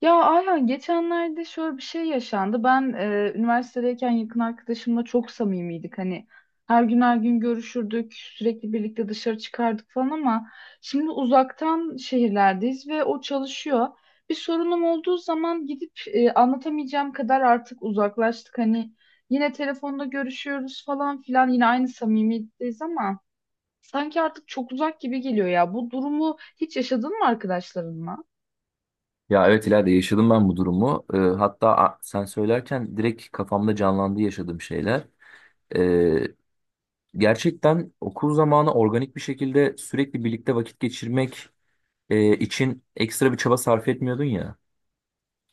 Ya Ayhan geçenlerde şöyle bir şey yaşandı. Ben üniversitedeyken yakın arkadaşımla çok samimiydik. Hani her gün her gün görüşürdük, sürekli birlikte dışarı çıkardık falan ama şimdi uzaktan şehirlerdeyiz ve o çalışıyor. Bir sorunum olduğu zaman gidip anlatamayacağım kadar artık uzaklaştık. Hani yine telefonda görüşüyoruz falan filan yine aynı samimiyetteyiz ama sanki artık çok uzak gibi geliyor ya. Bu durumu hiç yaşadın mı arkadaşlarınla? Ya evet ileride yaşadım ben bu durumu. Sen söylerken direkt kafamda canlandı yaşadığım şeyler. Ee, Gerçekten okul zamanı organik bir şekilde sürekli birlikte vakit geçirmek için ekstra bir çaba sarf etmiyordun ya.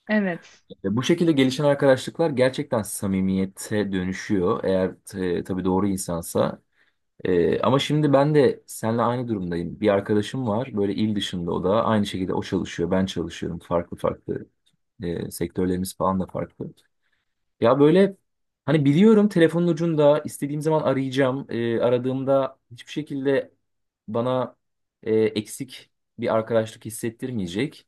Evet. Bu şekilde gelişen arkadaşlıklar gerçekten samimiyete dönüşüyor. Eğer tabii doğru insansa. Ama şimdi ben de seninle aynı durumdayım. Bir arkadaşım var böyle il dışında, o da aynı şekilde, o çalışıyor, ben çalışıyorum, farklı farklı. Sektörlerimiz falan da farklı. Ya böyle hani biliyorum, telefonun ucunda istediğim zaman arayacağım. Aradığımda hiçbir şekilde bana eksik bir arkadaşlık hissettirmeyecek.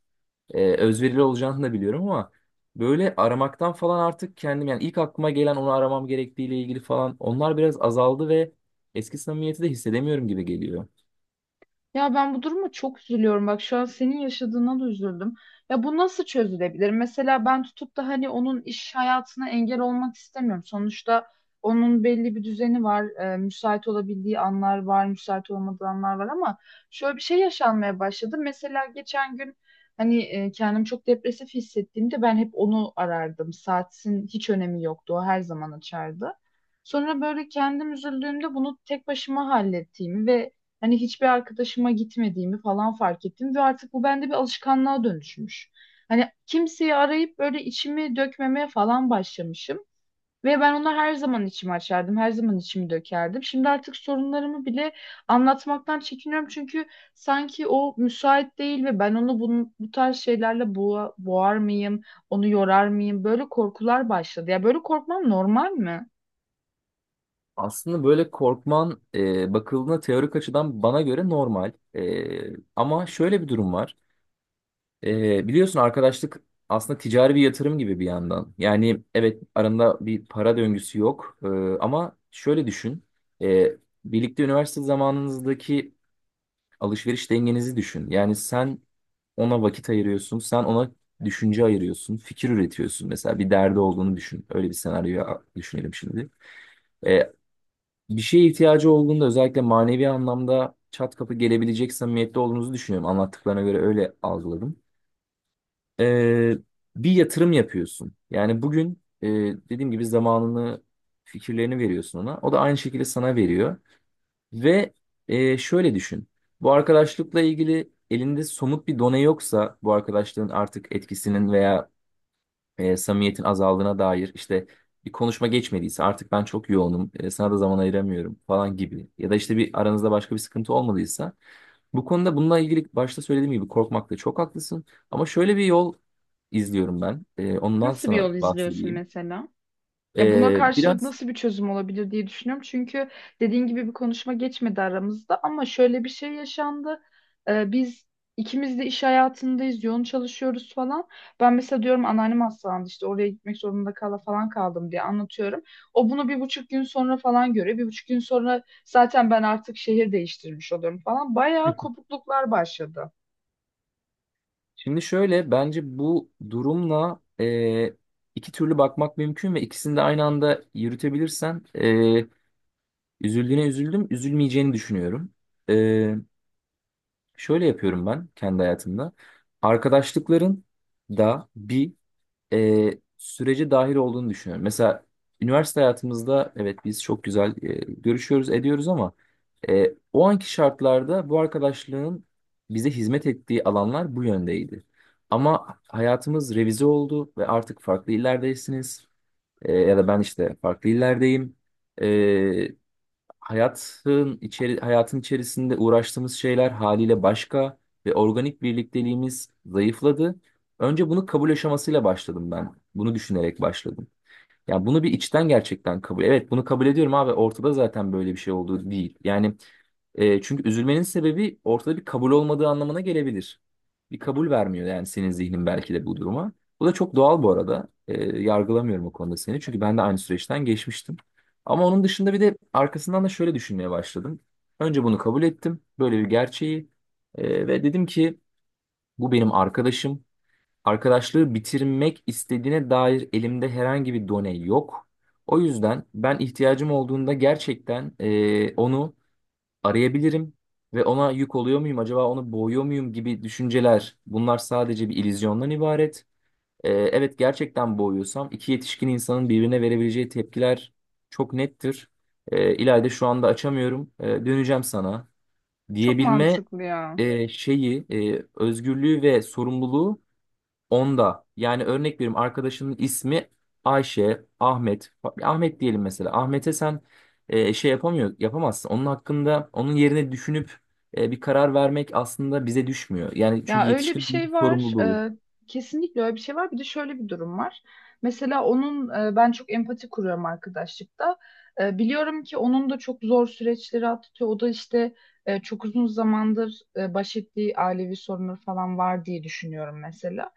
Özverili olacağını da biliyorum, ama böyle aramaktan falan artık kendim, yani ilk aklıma gelen onu aramam gerektiğiyle ilgili falan, onlar biraz azaldı ve eski samimiyeti de hissedemiyorum gibi geliyor. Ya ben bu duruma çok üzülüyorum. Bak şu an senin yaşadığına da üzüldüm. Ya bu nasıl çözülebilir? Mesela ben tutup da hani onun iş hayatına engel olmak istemiyorum. Sonuçta onun belli bir düzeni var. Müsait olabildiği anlar var, müsait olmadığı anlar var ama şöyle bir şey yaşanmaya başladı. Mesela geçen gün hani kendimi çok depresif hissettiğimde ben hep onu arardım. Saatin hiç önemi yoktu. O her zaman açardı. Sonra böyle kendim üzüldüğümde bunu tek başıma hallettiğimi ve hani hiçbir arkadaşıma gitmediğimi falan fark ettim ve artık bu bende bir alışkanlığa dönüşmüş. Hani kimseyi arayıp böyle içimi dökmemeye falan başlamışım. Ve ben ona her zaman içimi açardım, her zaman içimi dökerdim. Şimdi artık sorunlarımı bile anlatmaktan çekiniyorum çünkü sanki o müsait değil ve ben onu bunun, bu tarz şeylerle boğar mıyım, onu yorar mıyım? Böyle korkular başladı. Ya böyle korkmam normal mi? Aslında böyle korkman bakıldığında teorik açıdan bana göre normal. Ama şöyle bir durum var. Biliyorsun, arkadaşlık aslında ticari bir yatırım gibi bir yandan. Yani evet, aranda bir para döngüsü yok. Ama şöyle düşün. Ee, Birlikte üniversite zamanınızdaki alışveriş dengenizi düşün. Yani sen ona vakit ayırıyorsun, sen ona düşünce ayırıyorsun, fikir üretiyorsun. Mesela bir derdi olduğunu düşün. Öyle bir senaryoyu düşünelim şimdi. Ee, Bir şeye ihtiyacı olduğunda özellikle manevi anlamda çat kapı gelebilecek samimiyette olduğunuzu düşünüyorum. Anlattıklarına göre öyle algıladım. e, Bir yatırım yapıyorsun. Yani bugün dediğim gibi zamanını, fikirlerini veriyorsun ona. O da aynı şekilde sana veriyor. Ve şöyle düşün. Bu arkadaşlıkla ilgili elinde somut bir done yoksa, bu arkadaşlığın artık etkisinin veya samimiyetin azaldığına dair işte bir konuşma geçmediyse, artık ben çok yoğunum, sana da zaman ayıramıyorum falan gibi, ya da işte bir aranızda başka bir sıkıntı olmadıysa, bu konuda, bununla ilgili başta söylediğim gibi korkmakta çok haklısın, ama şöyle bir yol izliyorum ben, ondan Nasıl bir sana yol izliyorsun bahsedeyim. mesela? Ya buna E, karşılık biraz nasıl bir çözüm olabilir diye düşünüyorum. Çünkü dediğin gibi bir konuşma geçmedi aramızda ama şöyle bir şey yaşandı. Biz ikimiz de iş hayatındayız, yoğun çalışıyoruz falan. Ben mesela diyorum anneannem hastalandı işte oraya gitmek zorunda falan kaldım diye anlatıyorum. O bunu bir buçuk gün sonra falan görüyor. Bir buçuk gün sonra zaten ben artık şehir değiştirmiş oluyorum falan. Bayağı kopukluklar başladı. Şimdi şöyle, bence bu durumla iki türlü bakmak mümkün ve ikisini de aynı anda yürütebilirsen üzüldüğüne üzüldüm, üzülmeyeceğini düşünüyorum. E, Şöyle yapıyorum ben kendi hayatımda. Arkadaşlıkların da bir sürece dahil olduğunu düşünüyorum. Mesela üniversite hayatımızda evet biz çok güzel görüşüyoruz, ediyoruz, ama o anki şartlarda bu arkadaşlığın bize hizmet ettiği alanlar bu yöndeydi. Ama hayatımız revize oldu ve artık farklı illerdesiniz. Ya da ben işte farklı illerdeyim. E, Hayatın içerisinde uğraştığımız şeyler haliyle başka ve organik birlikteliğimiz zayıfladı. Önce bunu kabul aşamasıyla başladım ben. Bunu düşünerek başladım. Ya bunu bir içten gerçekten kabul. Evet, bunu kabul ediyorum abi. Ortada zaten böyle bir şey olduğu değil. Yani çünkü üzülmenin sebebi ortada bir kabul olmadığı anlamına gelebilir. Bir kabul vermiyor yani senin zihnin belki de bu duruma. Bu da çok doğal bu arada. Yargılamıyorum o konuda seni. Çünkü ben de aynı süreçten geçmiştim. Ama onun dışında bir de arkasından da şöyle düşünmeye başladım. Önce bunu kabul ettim. Böyle bir gerçeği. Ve dedim ki bu benim arkadaşım. Arkadaşlığı bitirmek istediğine dair elimde herhangi bir done yok. O yüzden ben, ihtiyacım olduğunda gerçekten onu arayabilirim ve ona yük oluyor muyum acaba, onu boğuyor muyum gibi düşünceler, bunlar sadece bir illüzyondan ibaret. Evet, gerçekten boğuyorsam iki yetişkin insanın birbirine verebileceği tepkiler çok nettir. İlayda şu anda açamıyorum, döneceğim sana Çok diyebilme mantıklı ya. Şeyi, özgürlüğü ve sorumluluğu onda, yani örnek veriyorum, arkadaşının ismi Ayşe, Ahmet. Ahmet diyelim mesela. Ahmet'e sen yapamazsın. Onun hakkında, onun yerine düşünüp bir karar vermek aslında bize düşmüyor. Yani çünkü Ya öyle bir yetişkin şey var. sorumluluğu. Kesinlikle öyle bir şey var. Bir de şöyle bir durum var. Mesela onun ben çok empati kuruyorum arkadaşlıkta. Biliyorum ki onun da çok zor süreçleri atlatıyor. O da işte çok uzun zamandır baş ettiği ailevi sorunları falan var diye düşünüyorum mesela.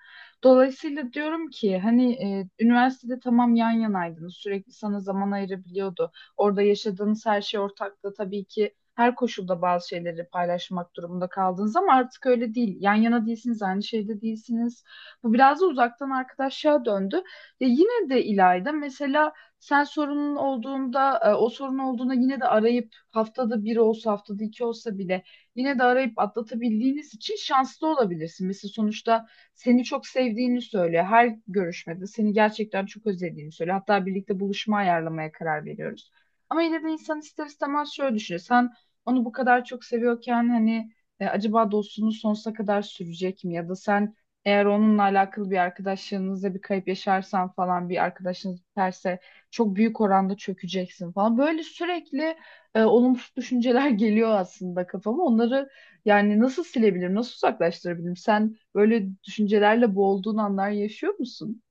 Dolayısıyla diyorum ki hani üniversitede tamam yan yanaydınız. Sürekli sana zaman ayırabiliyordu. Orada yaşadığınız her şey ortaktı. Tabii ki her koşulda bazı şeyleri paylaşmak durumunda kaldınız ama artık öyle değil. Yan yana değilsiniz, aynı şeyde değilsiniz. Bu biraz da uzaktan arkadaşlığa döndü. Ya yine de İlayda mesela sen sorunun olduğunda, o sorun olduğunda yine de arayıp haftada bir olsa, haftada iki olsa bile yine de arayıp atlatabildiğiniz için şanslı olabilirsin. Mesela sonuçta seni çok sevdiğini söylüyor. Her görüşmede seni gerçekten çok özlediğini söylüyor. Hatta birlikte buluşma ayarlamaya karar veriyoruz. Ama yine de insan ister istemez şöyle düşünüyor. Sen onu bu kadar çok seviyorken hani acaba dostluğunuz sonsuza kadar sürecek mi? Ya da sen eğer onunla alakalı bir arkadaşlığınızda bir kayıp yaşarsan falan bir arkadaşınız biterse çok büyük oranda çökeceksin falan. Böyle sürekli olumsuz düşünceler geliyor aslında kafama. Onları yani nasıl silebilirim, nasıl uzaklaştırabilirim? Sen böyle düşüncelerle boğulduğun anlar yaşıyor musun?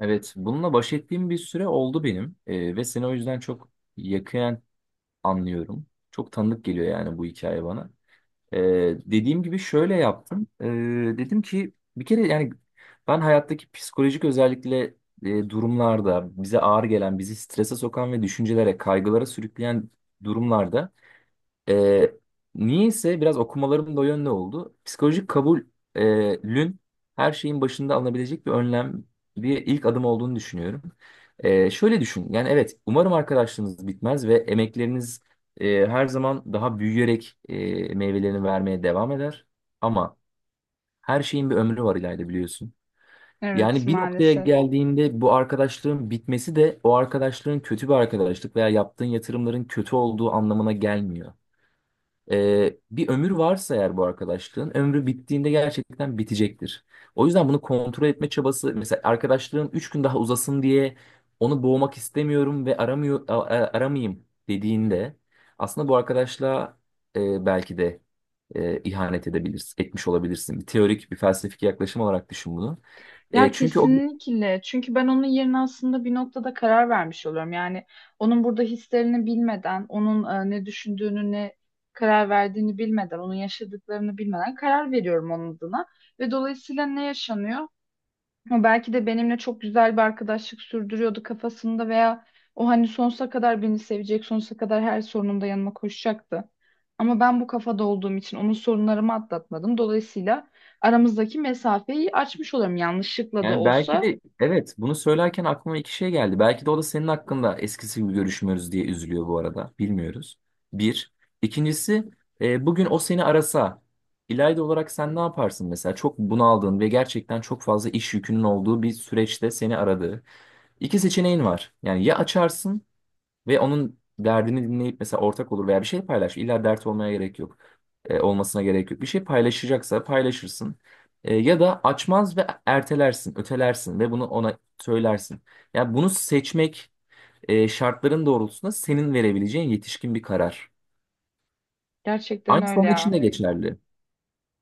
Evet, bununla baş ettiğim bir süre oldu benim. Ve seni o yüzden çok yakinen anlıyorum. Çok tanıdık geliyor yani bu hikaye bana. Dediğim gibi şöyle yaptım. Dedim ki bir kere yani ben, hayattaki psikolojik özellikle durumlarda bize ağır gelen, bizi strese sokan ve düşüncelere, kaygılara sürükleyen durumlarda, ee, niyeyse biraz okumalarım da o yönde oldu, psikolojik kabulün her şeyin başında alınabilecek bir önlem, bir ilk adım olduğunu düşünüyorum. Şöyle düşün, yani evet, umarım arkadaşlığınız bitmez ve emekleriniz her zaman daha büyüyerek meyvelerini vermeye devam eder. Ama her şeyin bir ömrü var ileride, biliyorsun. Evet Yani bir noktaya maalesef. geldiğinde bu arkadaşlığın bitmesi de o arkadaşlığın kötü bir arkadaşlık veya yaptığın yatırımların kötü olduğu anlamına gelmiyor. Bir ömür varsa eğer, bu arkadaşlığın ömrü bittiğinde gerçekten bitecektir. O yüzden bunu kontrol etme çabası, mesela arkadaşlığım 3 gün daha uzasın diye onu boğmak istemiyorum ve aramıyor aramayayım dediğinde aslında bu arkadaşlığa belki de ihanet edebilirsin, etmiş olabilirsin. Bir teorik, bir felsefik yaklaşım olarak düşün bunu. E, Ya çünkü o kesinlikle. Çünkü ben onun yerine aslında bir noktada karar vermiş oluyorum. Yani onun burada hislerini bilmeden, onun ne düşündüğünü, ne karar verdiğini bilmeden, onun yaşadıklarını bilmeden karar veriyorum onun adına. Ve dolayısıyla ne yaşanıyor? O belki de benimle çok güzel bir arkadaşlık sürdürüyordu kafasında veya o hani sonsuza kadar beni sevecek, sonsuza kadar her sorunumda yanıma koşacaktı. Ama ben bu kafada olduğum için onun sorunlarımı atlatmadım. Dolayısıyla aramızdaki mesafeyi açmış oluyorum yanlışlıkla da Yani belki olsa. de, evet, bunu söylerken aklıma iki şey geldi. Belki de o da senin hakkında eskisi gibi görüşmüyoruz diye üzülüyor bu arada, bilmiyoruz. Bir. İkincisi, bugün o seni arasa, İlayda olarak sen ne yaparsın mesela? Çok bunaldığın ve gerçekten çok fazla iş yükünün olduğu bir süreçte seni aradığı... İki seçeneğin var. Yani ya açarsın ve onun derdini dinleyip mesela ortak olur veya bir şey paylaş. İlla dert olmaya gerek yok. Olmasına gerek yok. Bir şey paylaşacaksa paylaşırsın. Ya da açmaz ve ertelersin, ötelersin ve bunu ona söylersin. Yani bunu seçmek şartların doğrultusunda senin verebileceğin yetişkin bir karar. Gerçekten Aynı öyle onun için ya. de geçerli.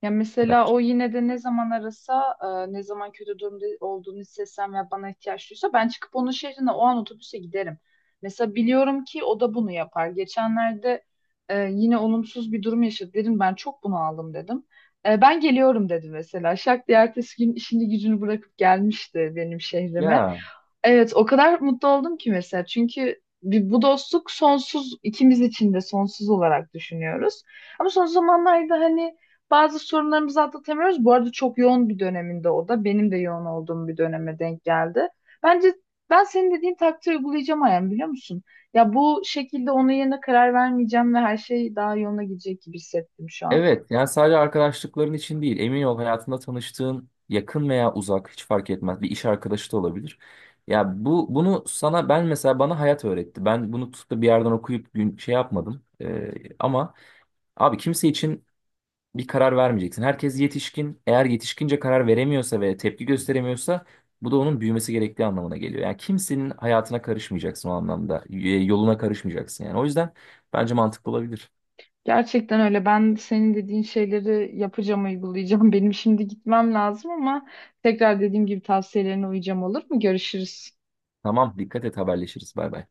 Ya mesela Bence. o yine de ne zaman arasa, ne zaman kötü durumda olduğunu hissetsem ve bana ihtiyaç duysa ben çıkıp onun şehrine o an otobüse giderim. Mesela biliyorum ki o da bunu yapar. Geçenlerde yine olumsuz bir durum yaşadı. Dedim ben çok bunaldım dedim. Ben geliyorum dedi mesela. Şak diye ertesi gün işini gücünü bırakıp gelmişti benim şehrime. Ya Evet o kadar mutlu oldum ki mesela. Çünkü bu dostluk sonsuz ikimiz için de sonsuz olarak düşünüyoruz. Ama son zamanlarda hani bazı sorunlarımızı atlatamıyoruz. Bu arada çok yoğun bir döneminde o da. Benim de yoğun olduğum bir döneme denk geldi. Bence ben senin dediğin taktiği uygulayacağım Ayhan biliyor musun? Ya bu şekilde onun yerine karar vermeyeceğim ve her şey daha yoluna gidecek gibi hissettim şu an. evet, yani sadece arkadaşlıkların için değil, emin ol, hayatında tanıştığın yakın veya uzak hiç fark etmez, bir iş arkadaşı da olabilir. Ya bu bunu sana ben, mesela bana hayat öğretti. Ben bunu tutup da bir yerden okuyup gün, şey yapmadım. Ama abi, kimse için bir karar vermeyeceksin. Herkes yetişkin. Eğer yetişkince karar veremiyorsa ve tepki gösteremiyorsa bu da onun büyümesi gerektiği anlamına geliyor. Yani kimsenin hayatına karışmayacaksın o anlamda. Yoluna karışmayacaksın yani. O yüzden bence mantıklı olabilir. Gerçekten öyle. Ben senin dediğin şeyleri yapacağım, uygulayacağım. Benim şimdi gitmem lazım ama tekrar dediğim gibi tavsiyelerine uyacağım olur mu? Görüşürüz. Tamam, dikkat et, haberleşiriz. Bay bay.